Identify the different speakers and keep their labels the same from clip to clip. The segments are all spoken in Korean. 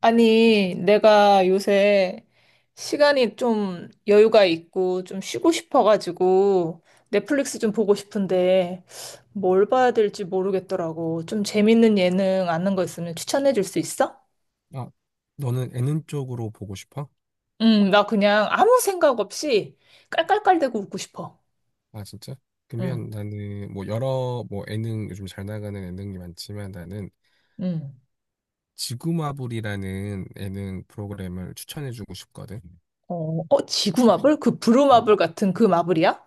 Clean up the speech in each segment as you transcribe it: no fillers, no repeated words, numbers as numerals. Speaker 1: 아니, 내가 요새 시간이 좀 여유가 있고 좀 쉬고 싶어가지고 넷플릭스 좀 보고 싶은데 뭘 봐야 될지 모르겠더라고. 좀 재밌는 예능 아는 거 있으면 추천해 줄 수 있어?
Speaker 2: 아, 너는 예능 쪽으로 보고 싶어?
Speaker 1: 응, 나 그냥 아무 생각 없이 깔깔깔대고 웃고 싶어.
Speaker 2: 아, 진짜?
Speaker 1: 응,
Speaker 2: 그러면 나는 뭐 여러 뭐 예능 요즘 잘 나가는 예능이 많지만 나는
Speaker 1: 응.
Speaker 2: 지구마블이라는 예능 프로그램을 추천해주고 싶거든.
Speaker 1: 어, 어, 지구마블? 그
Speaker 2: 어,
Speaker 1: 브루마블 같은 그 마블이야?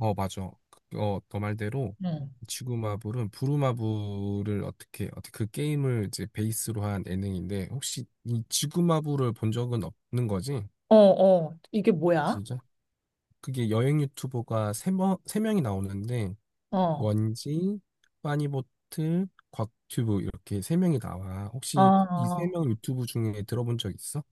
Speaker 2: 어, 맞아. 너 말대로
Speaker 1: 응.
Speaker 2: 지구마블은 부루마블을 어떻게 그 게임을 이제 베이스로 한 예능인데, 혹시 이 지구마블을 본 적은 없는 거지?
Speaker 1: 어, 어, 이게
Speaker 2: 아,
Speaker 1: 뭐야?
Speaker 2: 진짜? 그게 여행 유튜버가 세 명이 나오는데
Speaker 1: 어,
Speaker 2: 원지, 빠니보트, 곽튜브 이렇게 세 명이 나와. 혹시 이 세
Speaker 1: 아,
Speaker 2: 명 유튜브 중에 들어본 적 있어?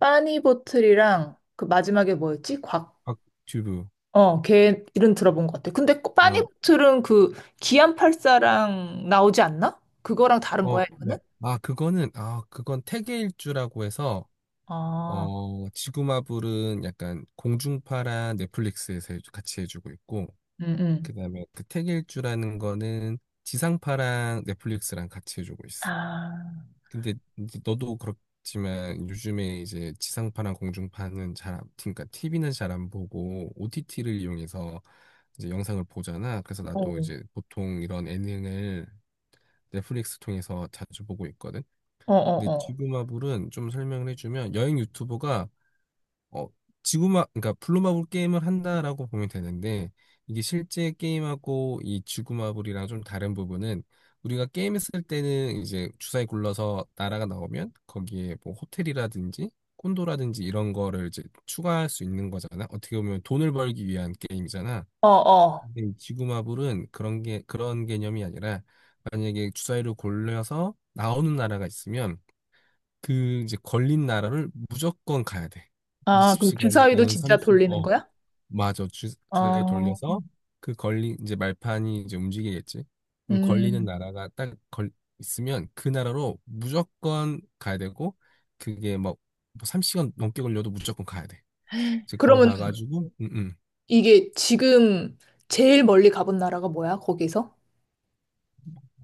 Speaker 1: 빠니보틀이랑 그 마지막에 뭐였지? 곽.
Speaker 2: 곽튜브.
Speaker 1: 어, 걔 이름 들어본 것 같아. 근데 꼭
Speaker 2: 아,
Speaker 1: 빠니보틀은 그 기안84랑 나오지 않나? 그거랑 다른
Speaker 2: 어,
Speaker 1: 거야, 이거는?
Speaker 2: 마- 그건 태계일주라고 해서
Speaker 1: 아,
Speaker 2: 지구마블은 약간 공중파랑 넷플릭스에서 같이 해주고 있고,
Speaker 1: 응, 응.
Speaker 2: 그다음에 그 태계일주라는 거는 지상파랑 넷플릭스랑 같이 해주고
Speaker 1: 아,
Speaker 2: 있어. 근데 이제 너도 그렇지만 요즘에 이제 지상파랑 공중파는 잘, 안- 그러니까 TV는 잘 안 보고 OTT를 이용해서 이제 영상을 보잖아. 그래서 나도
Speaker 1: 어,
Speaker 2: 이제 보통 이런 예능을 넷플릭스 통해서 자주 보고 있거든.
Speaker 1: 어,
Speaker 2: 근데
Speaker 1: 어, 어,
Speaker 2: 지구마블은 좀 설명을 해주면 여행 유튜버가 어, 그러니까 블루마블 게임을 한다라고 보면 되는데, 이게 실제 게임하고 이 지구마블이랑 좀 다른 부분은, 우리가 게임했을 때는 이제 주사위 굴러서 나라가 나오면, 거기에 뭐 호텔이라든지, 콘도라든지 이런 거를 이제 추가할 수 있는 거잖아. 어떻게 보면 돈을 벌기 위한 게임이잖아.
Speaker 1: 어, 어.
Speaker 2: 근데 이 지구마블은 그런 개념이 아니라, 만약에 주사위를 굴려서 나오는 나라가 있으면, 그 이제 걸린 나라를 무조건 가야 돼.
Speaker 1: 아, 그럼 주사위도
Speaker 2: 20시간이든
Speaker 1: 진짜
Speaker 2: 30,
Speaker 1: 돌리는
Speaker 2: 어,
Speaker 1: 거야?
Speaker 2: 맞아. 주사위
Speaker 1: 어,
Speaker 2: 돌려서 그 걸린 이제 말판이 이제 움직이겠지. 그럼 걸리는
Speaker 1: 음.
Speaker 2: 나라가 딱 걸, 있으면 그 나라로 무조건 가야 되고 그게 막 3시간 넘게 걸려도 무조건 가야 돼. 이제 거기
Speaker 1: 그러면
Speaker 2: 가가지고 응응.
Speaker 1: 이게 지금 제일 멀리 가본 나라가 뭐야, 거기서?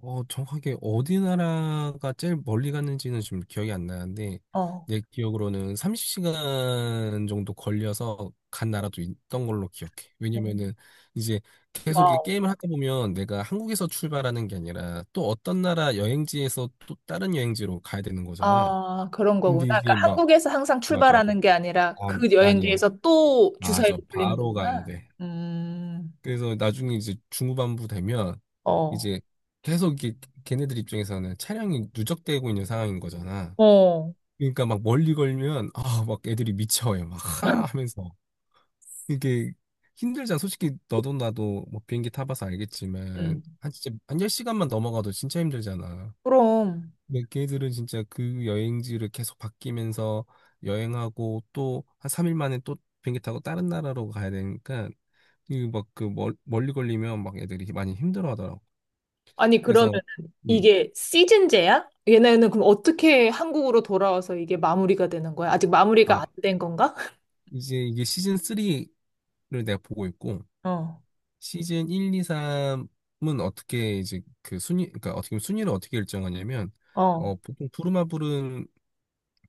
Speaker 2: 어, 정확하게 어디 나라가 제일 멀리 갔는지는 지금 기억이 안 나는데,
Speaker 1: 어.
Speaker 2: 내 기억으로는 30시간 정도 걸려서 간 나라도 있던 걸로 기억해.
Speaker 1: 어.
Speaker 2: 왜냐면은 이제 계속 이
Speaker 1: 와우.
Speaker 2: 게임을 하다 보면 내가 한국에서 출발하는 게 아니라 또 어떤 나라 여행지에서 또 다른 여행지로 가야 되는 거잖아.
Speaker 1: 아, 그런 거구나.
Speaker 2: 근데
Speaker 1: 그러니까
Speaker 2: 이제 막,
Speaker 1: 한국에서 항상
Speaker 2: 맞아.
Speaker 1: 출발하는 게 아니라
Speaker 2: 아,
Speaker 1: 그
Speaker 2: 아니야.
Speaker 1: 여행지에서 또
Speaker 2: 맞아.
Speaker 1: 주사위로 돌리는
Speaker 2: 바로 가야
Speaker 1: 거구나.
Speaker 2: 돼.
Speaker 1: 음,
Speaker 2: 그래서 나중에 이제 중후반부 되면
Speaker 1: 어,
Speaker 2: 이제 계속 이게 걔네들 입장에서는 차량이 누적되고 있는 상황인 거잖아.
Speaker 1: 어,
Speaker 2: 그러니까 막 멀리 걸면 아, 막 애들이 미쳐해 막 하 하면서 이게 힘들잖아. 솔직히 너도 나도 뭐 비행기 타봐서 알겠지만
Speaker 1: 음.
Speaker 2: 한 진짜 한 10시간만 넘어가도 진짜 힘들잖아.
Speaker 1: 그럼.
Speaker 2: 근데 걔들은 진짜 그 여행지를 계속 바뀌면서 여행하고 또 한 3일 만에 또 비행기 타고 다른 나라로 가야 되니까 이막그 멀리 걸리면 막 애들이 많이 힘들어 하더라고.
Speaker 1: 아니, 그러면
Speaker 2: 그래서 음.
Speaker 1: 이게 시즌제야? 얘네는 그럼 어떻게 한국으로 돌아와서 이게 마무리가 되는 거야? 아직 마무리가
Speaker 2: 아,
Speaker 1: 안 된 건가?
Speaker 2: 이제 이게 시즌 3를 내가 보고 있고
Speaker 1: 어,
Speaker 2: 시즌 1, 2, 3은 어떻게 이제 그 순위 그러니까 어떻게 보면 순위를 어떻게 일정하냐면
Speaker 1: 어,
Speaker 2: 어 보통 부루마블은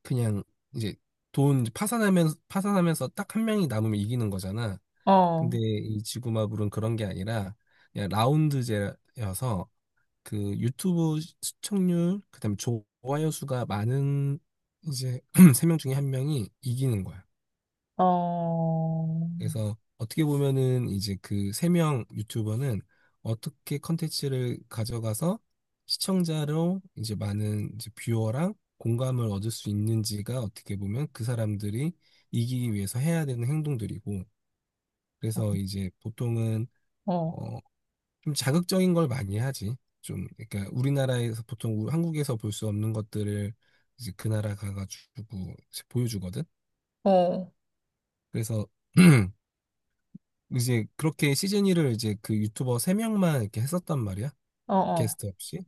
Speaker 2: 그냥 이제 돈 이제 파산하면서 딱 한 명이 남으면 이기는 거잖아.
Speaker 1: 어,
Speaker 2: 근데 이 지구마블은 그런 게 아니라 그냥 라운드제여서 그 유튜브 시청률, 그다음에 좋아요 수가 많은 이제 세 명 중에 한 명이 이기는 거야.
Speaker 1: 어,
Speaker 2: 그래서 어떻게 보면은 이제 그 세 명 유튜버는 어떻게 컨텐츠를 가져가서 시청자로 이제 많은 이제 뷰어랑 공감을 얻을 수 있는지가 어떻게 보면 그 사람들이 이기기 위해서 해야 되는 행동들이고 그래서 이제 보통은
Speaker 1: 어,
Speaker 2: 어 좀 자극적인 걸 많이 하지. 좀, 그러니까 우리나라에서 보통 한국에서 볼 수 없는 것들을 이제 그 나라 가가지고 이제 보여주거든.
Speaker 1: 어,
Speaker 2: 그래서 이제 그렇게 시즌 1을 이제 그 유튜버 세명만 이렇게 했었단 말이야.
Speaker 1: 어, 어.
Speaker 2: 게스트 없이.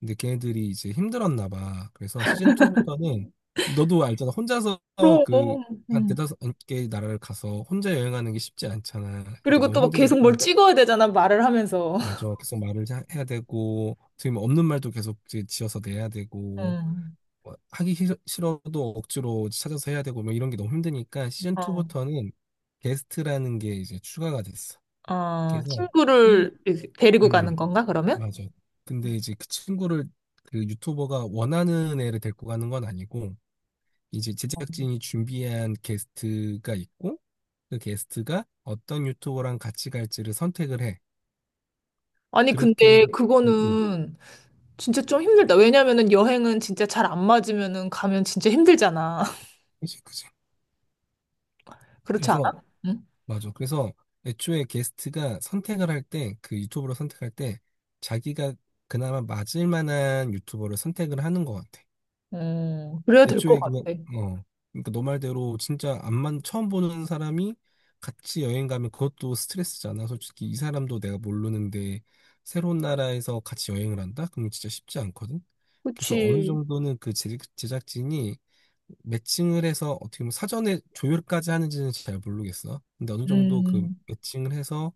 Speaker 2: 근데 걔네들이 이제 힘들었나 봐. 그래서 시즌 2부터는 너도 알잖아. 혼자서
Speaker 1: 그럼,
Speaker 2: 그 한
Speaker 1: 음.
Speaker 2: 대다섯 개 나라를 가서 혼자 여행하는 게 쉽지 않잖아. 그러니까
Speaker 1: 그리고
Speaker 2: 너무
Speaker 1: 또 막
Speaker 2: 힘드니까
Speaker 1: 계속 뭘 찍어야 되잖아, 말을 하면서.
Speaker 2: 맞아. 계속 해야 되고, 지금 없는 말도 계속 이제 지어서 내야 되고,
Speaker 1: 음,
Speaker 2: 뭐 싫어도 억지로 찾아서 해야 되고, 뭐 이런 게 너무 힘드니까 시즌
Speaker 1: 어,
Speaker 2: 2부터는 게스트라는 게 이제 추가가 됐어.
Speaker 1: 어,
Speaker 2: 그래서 일
Speaker 1: 친구를 이렇게 데리고
Speaker 2: 음,
Speaker 1: 가는 건가, 그러면?
Speaker 2: 맞아. 근데 이제 그 친구를 그 유튜버가 원하는 애를 데리고 가는 건 아니고, 이제 제작진이 준비한 게스트가 있고, 그 게스트가 어떤 유튜버랑 같이 갈지를 선택을 해.
Speaker 1: 아니,
Speaker 2: 그렇게,
Speaker 1: 근데
Speaker 2: 해서- 음, 음.
Speaker 1: 그거는 진짜 좀 힘들다. 왜냐면은 여행은 진짜 잘 안 맞으면은 가면 진짜 힘들잖아.
Speaker 2: 그치, 그치.
Speaker 1: 그렇지
Speaker 2: 그래서
Speaker 1: 않아? 응?
Speaker 2: 맞아. 그래서 애초에 게스트가 선택을 할 때, 그 유튜버를 선택할 때, 자기가 그나마 맞을 만한 유튜버를 선택을 하는 것 같아.
Speaker 1: 그래야 될 것
Speaker 2: 애초에 그냥
Speaker 1: 같아.
Speaker 2: 어 그러니까 너 말대로 진짜 안만 처음 보는 사람이 같이 여행 가면 그것도 스트레스잖아. 솔직히 이 사람도 내가 모르는데 새로운 나라에서 같이 여행을 한다? 그러면 진짜 쉽지 않거든. 그래서 어느
Speaker 1: 그치.
Speaker 2: 정도는 그 제작진이 매칭을 해서 어떻게 보면 사전에 조율까지 하는지는 잘 모르겠어. 근데 어느 정도 그
Speaker 1: 음,
Speaker 2: 매칭을 해서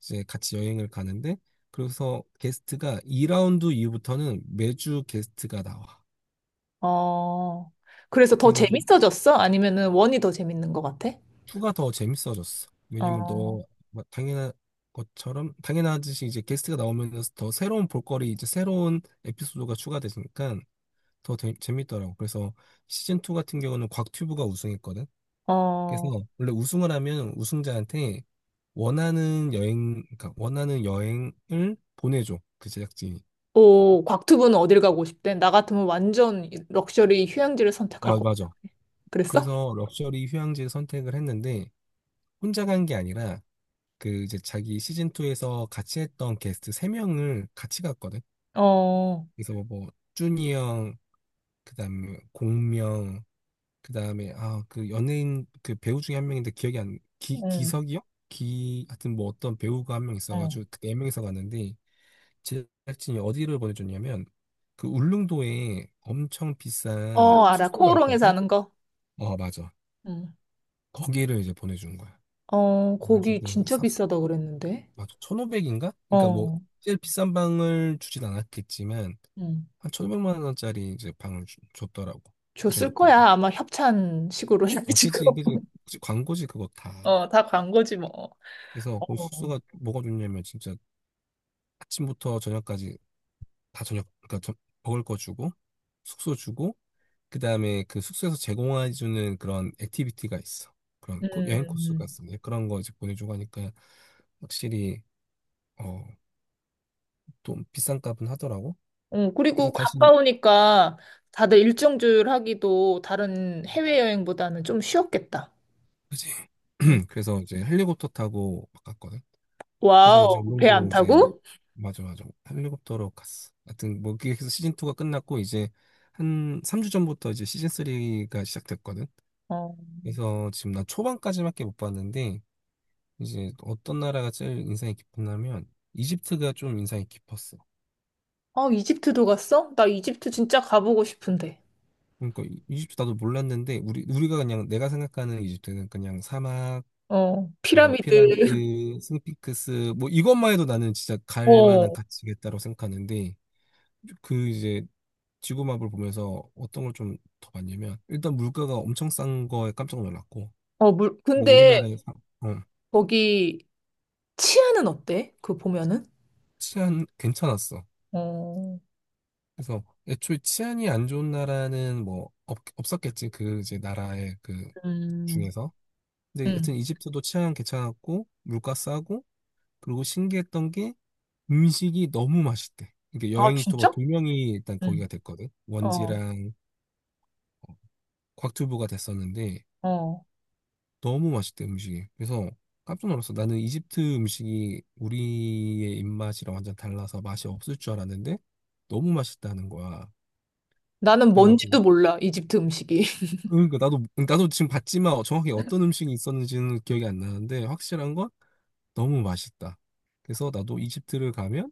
Speaker 2: 이제 같이 여행을 가는데 그래서 게스트가 2라운드 이후부터는 매주 게스트가 나와.
Speaker 1: 어. 그래서 더
Speaker 2: 그래가지고
Speaker 1: 재밌어졌어? 아니면은 원이 더 재밌는 것 같아?
Speaker 2: 2가 더 재밌어졌어. 왜냐면
Speaker 1: 어,
Speaker 2: 너뭐 당연한 것처럼 당연하듯이 이제 게스트가 나오면서 더 새로운 볼거리 이제 새로운 에피소드가 추가되니까 재밌더라고. 그래서 시즌 2 같은 경우는 곽튜브가 우승했거든. 그래서
Speaker 1: 어.
Speaker 2: 원래 우승을 하면 우승자한테 원하는 여행을 보내줘. 그 제작진이.
Speaker 1: 오, 곽투부는 어딜 가고 싶대? 나 같으면 완전 럭셔리 휴양지를 선택할
Speaker 2: 아,
Speaker 1: 것 같아.
Speaker 2: 맞아.
Speaker 1: 그랬어?
Speaker 2: 그래서 럭셔리 휴양지 선택을 했는데 혼자 간 게 아니라 그 이제 자기 시즌 2에서 같이 했던 게스트 세명을 같이 갔거든.
Speaker 1: 어,
Speaker 2: 그래서 뭐 준이 형, 그다음에 공명, 그다음에 그 연예인 그 배우 중에 한 명인데 기억이 안 기,
Speaker 1: 응,
Speaker 2: 기석이 요 하여튼 뭐 어떤 배우가 한 명
Speaker 1: 어.
Speaker 2: 있어가지고 그네 명이서 갔는데 제작진이 어디를 보내줬냐면 그 울릉도에 엄청 비싼
Speaker 1: 어, 그, 알아.
Speaker 2: 숙소가
Speaker 1: 코오롱에
Speaker 2: 있거든.
Speaker 1: 사는 거?
Speaker 2: 어 맞아.
Speaker 1: 응,
Speaker 2: 거기를 이제 보내준 거야.
Speaker 1: 어, 거기
Speaker 2: 그래가지고
Speaker 1: 진짜 비싸다 그랬는데.
Speaker 2: 맞아. 1,500인가? 그러니까 뭐
Speaker 1: 어,
Speaker 2: 제일 비싼 방을 주진 않았겠지만
Speaker 1: 응.
Speaker 2: 한 1,500만 원짜리 이제 줬더라고. 그 정도
Speaker 1: 줬을
Speaker 2: 급으로.
Speaker 1: 거야. 아마 협찬식으로
Speaker 2: 아, 그지,
Speaker 1: 해가지고.
Speaker 2: 그지, 그지. 광고지 그거 다.
Speaker 1: 어, 다 광고지 뭐.
Speaker 2: 그래서 거기
Speaker 1: 어,
Speaker 2: 숙소가 뭐가 좋냐면 진짜 아침부터 저녁까지 다 저녁 그러니까 저- 먹을 거 주고 숙소 주고 그다음에 그 숙소에서 제공해 주는 그런 액티비티가 있어. 그런 여행 코스가
Speaker 1: 음,
Speaker 2: 있습니다. 그런 거 이제 보내주고 하니까 확실히 어 좀 비싼 값은 하더라고.
Speaker 1: 어,
Speaker 2: 그래서
Speaker 1: 그리고
Speaker 2: 다시
Speaker 1: 가까우니까 다들 일정주를 하기도 다른 해외여행보다는 좀 쉬웠겠다.
Speaker 2: 그지.
Speaker 1: 음.
Speaker 2: 그래서 이제 헬리콥터 타고 갔거든. 그래서 이제
Speaker 1: 와우, 배 안
Speaker 2: 울릉도 이제
Speaker 1: 타고?
Speaker 2: 맞아 맞아 헬리콥터로 갔어. 하여튼 뭐 그게 해래서 시즌 2가 끝났고 이제 한 3주 전부터 이제 시즌 3가 시작됐거든.
Speaker 1: 어,
Speaker 2: 그래서 지금 나 초반까지밖에 못 봤는데 이제 어떤 나라가 제일 인상이 깊었냐면 이집트가 좀 인상이 깊었어.
Speaker 1: 어, 이집트도 갔어? 나 이집트 진짜 가보고 싶은데.
Speaker 2: 그러니까 이집트 나도 몰랐는데 우리가 그냥 내가 생각하는 이집트는 그냥 사막
Speaker 1: 어,
Speaker 2: 이뭐
Speaker 1: 피라미드.
Speaker 2: 피라미드, 스핑크스 뭐 이것만 해도 나는 진짜 갈 만한
Speaker 1: 어,
Speaker 2: 가치겠다고 생각하는데 그 이제 지구맵을 보면서 어떤 걸 좀 더 봤냐면 일단 물가가 엄청 싼 거에 깜짝 놀랐고
Speaker 1: 어, 물,
Speaker 2: 근데
Speaker 1: 근데
Speaker 2: 우리나라의 사- 어,
Speaker 1: 거기 치안은 어때? 그 보면은?
Speaker 2: 치안 괜찮았어.
Speaker 1: 어,
Speaker 2: 그래서 애초에 치안이 안 좋은 나라는 뭐 없었겠지 그 이제 나라의 그
Speaker 1: 음.
Speaker 2: 중에서 근데 하여튼
Speaker 1: 음.
Speaker 2: 이집트도 치안 괜찮았고 물가 싸고 그리고 신기했던 음식이 너무 맛있대. 이게
Speaker 1: 아,
Speaker 2: 여행 유튜버
Speaker 1: 진짜?
Speaker 2: 두 명이 일단 거기가
Speaker 1: 응.
Speaker 2: 됐거든.
Speaker 1: 어,
Speaker 2: 원지랑 어, 곽튜브가 됐었는데
Speaker 1: 어.
Speaker 2: 너무 맛있대 음식이. 그래서 깜짝 놀랐어. 나는 이집트 음식이 우리의 입맛이랑 완전 달라서 맛이 없을 줄 알았는데 너무 맛있다는 거야.
Speaker 1: 나는
Speaker 2: 그래가지고
Speaker 1: 뭔지도 몰라, 이집트 음식이.
Speaker 2: 그러니까 나도 지금 봤지만 정확히 어떤 음식이 있었는지는 기억이 안 나는데 확실한 건 너무 맛있다. 그래서 나도 이집트를 가면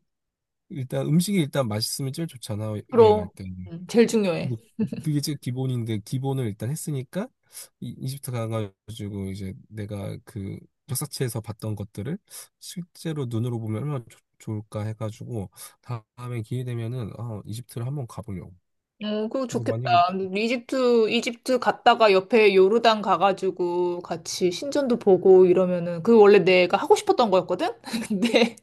Speaker 2: 일단 음식이 일단 맛있으면 제일 좋잖아 여행할
Speaker 1: 그럼,
Speaker 2: 때.
Speaker 1: 제일 중요해.
Speaker 2: 뭐, 그게 제 기본인데 기본을 일단 했으니까 이집트 가가지고 이제 내가 그 역사책에서 봤던 것들을 실제로 눈으로 보면 얼마나 좋을까 해가지고 다음에 기회 되면은 아, 이집트를 한번 가보려고.
Speaker 1: 어, 그거
Speaker 2: 그래서
Speaker 1: 좋겠다.
Speaker 2: 만약에
Speaker 1: 이집트, 이집트 갔다가 옆에 요르단 가가지고 같이 신전도 보고 이러면은, 그 원래 내가 하고 싶었던 거였거든? 근데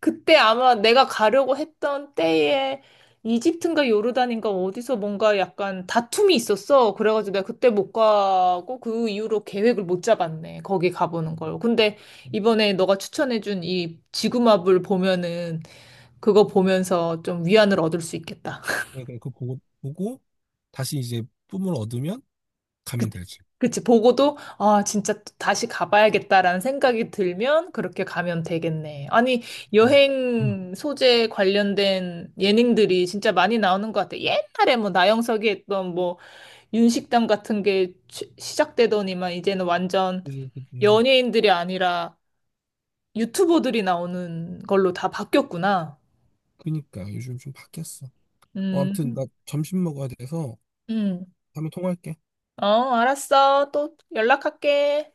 Speaker 1: 그때 아마 내가 가려고 했던 때에 이집트인가 요르단인가 어디서 뭔가 약간 다툼이 있었어. 그래가지고 내가 그때 못 가고 그 이후로 계획을 못 잡았네. 거기 가보는 걸. 근데 이번에 너가 추천해준 이 지구마블 보면은 그거 보면서 좀 위안을 얻을 수 있겠다.
Speaker 2: 그러니까 그 보고 다시 이제 뿜을 얻으면
Speaker 1: 그-
Speaker 2: 가면 되지.
Speaker 1: 그치, 보고도, 아, 진짜 또 다시 가봐야겠다라는 생각이 들면 그렇게 가면 되겠네. 아니,
Speaker 2: 음. 음.
Speaker 1: 여행 소재 관련된 예능들이 진짜 많이 나오는 것 같아. 옛날에 뭐 나영석이 했던 뭐 윤식당 같은 게 시작되더니만 이제는 완전
Speaker 2: 그지.
Speaker 1: 연예인들이 아니라 유튜버들이 나오는 걸로 다 바뀌었구나.
Speaker 2: 그니까 요즘 좀 바뀌었어. 아무튼
Speaker 1: 음,
Speaker 2: 나 점심 먹어야 돼서
Speaker 1: 음.
Speaker 2: 다음에 통화할게.
Speaker 1: 어, 알았어. 또 연락할게.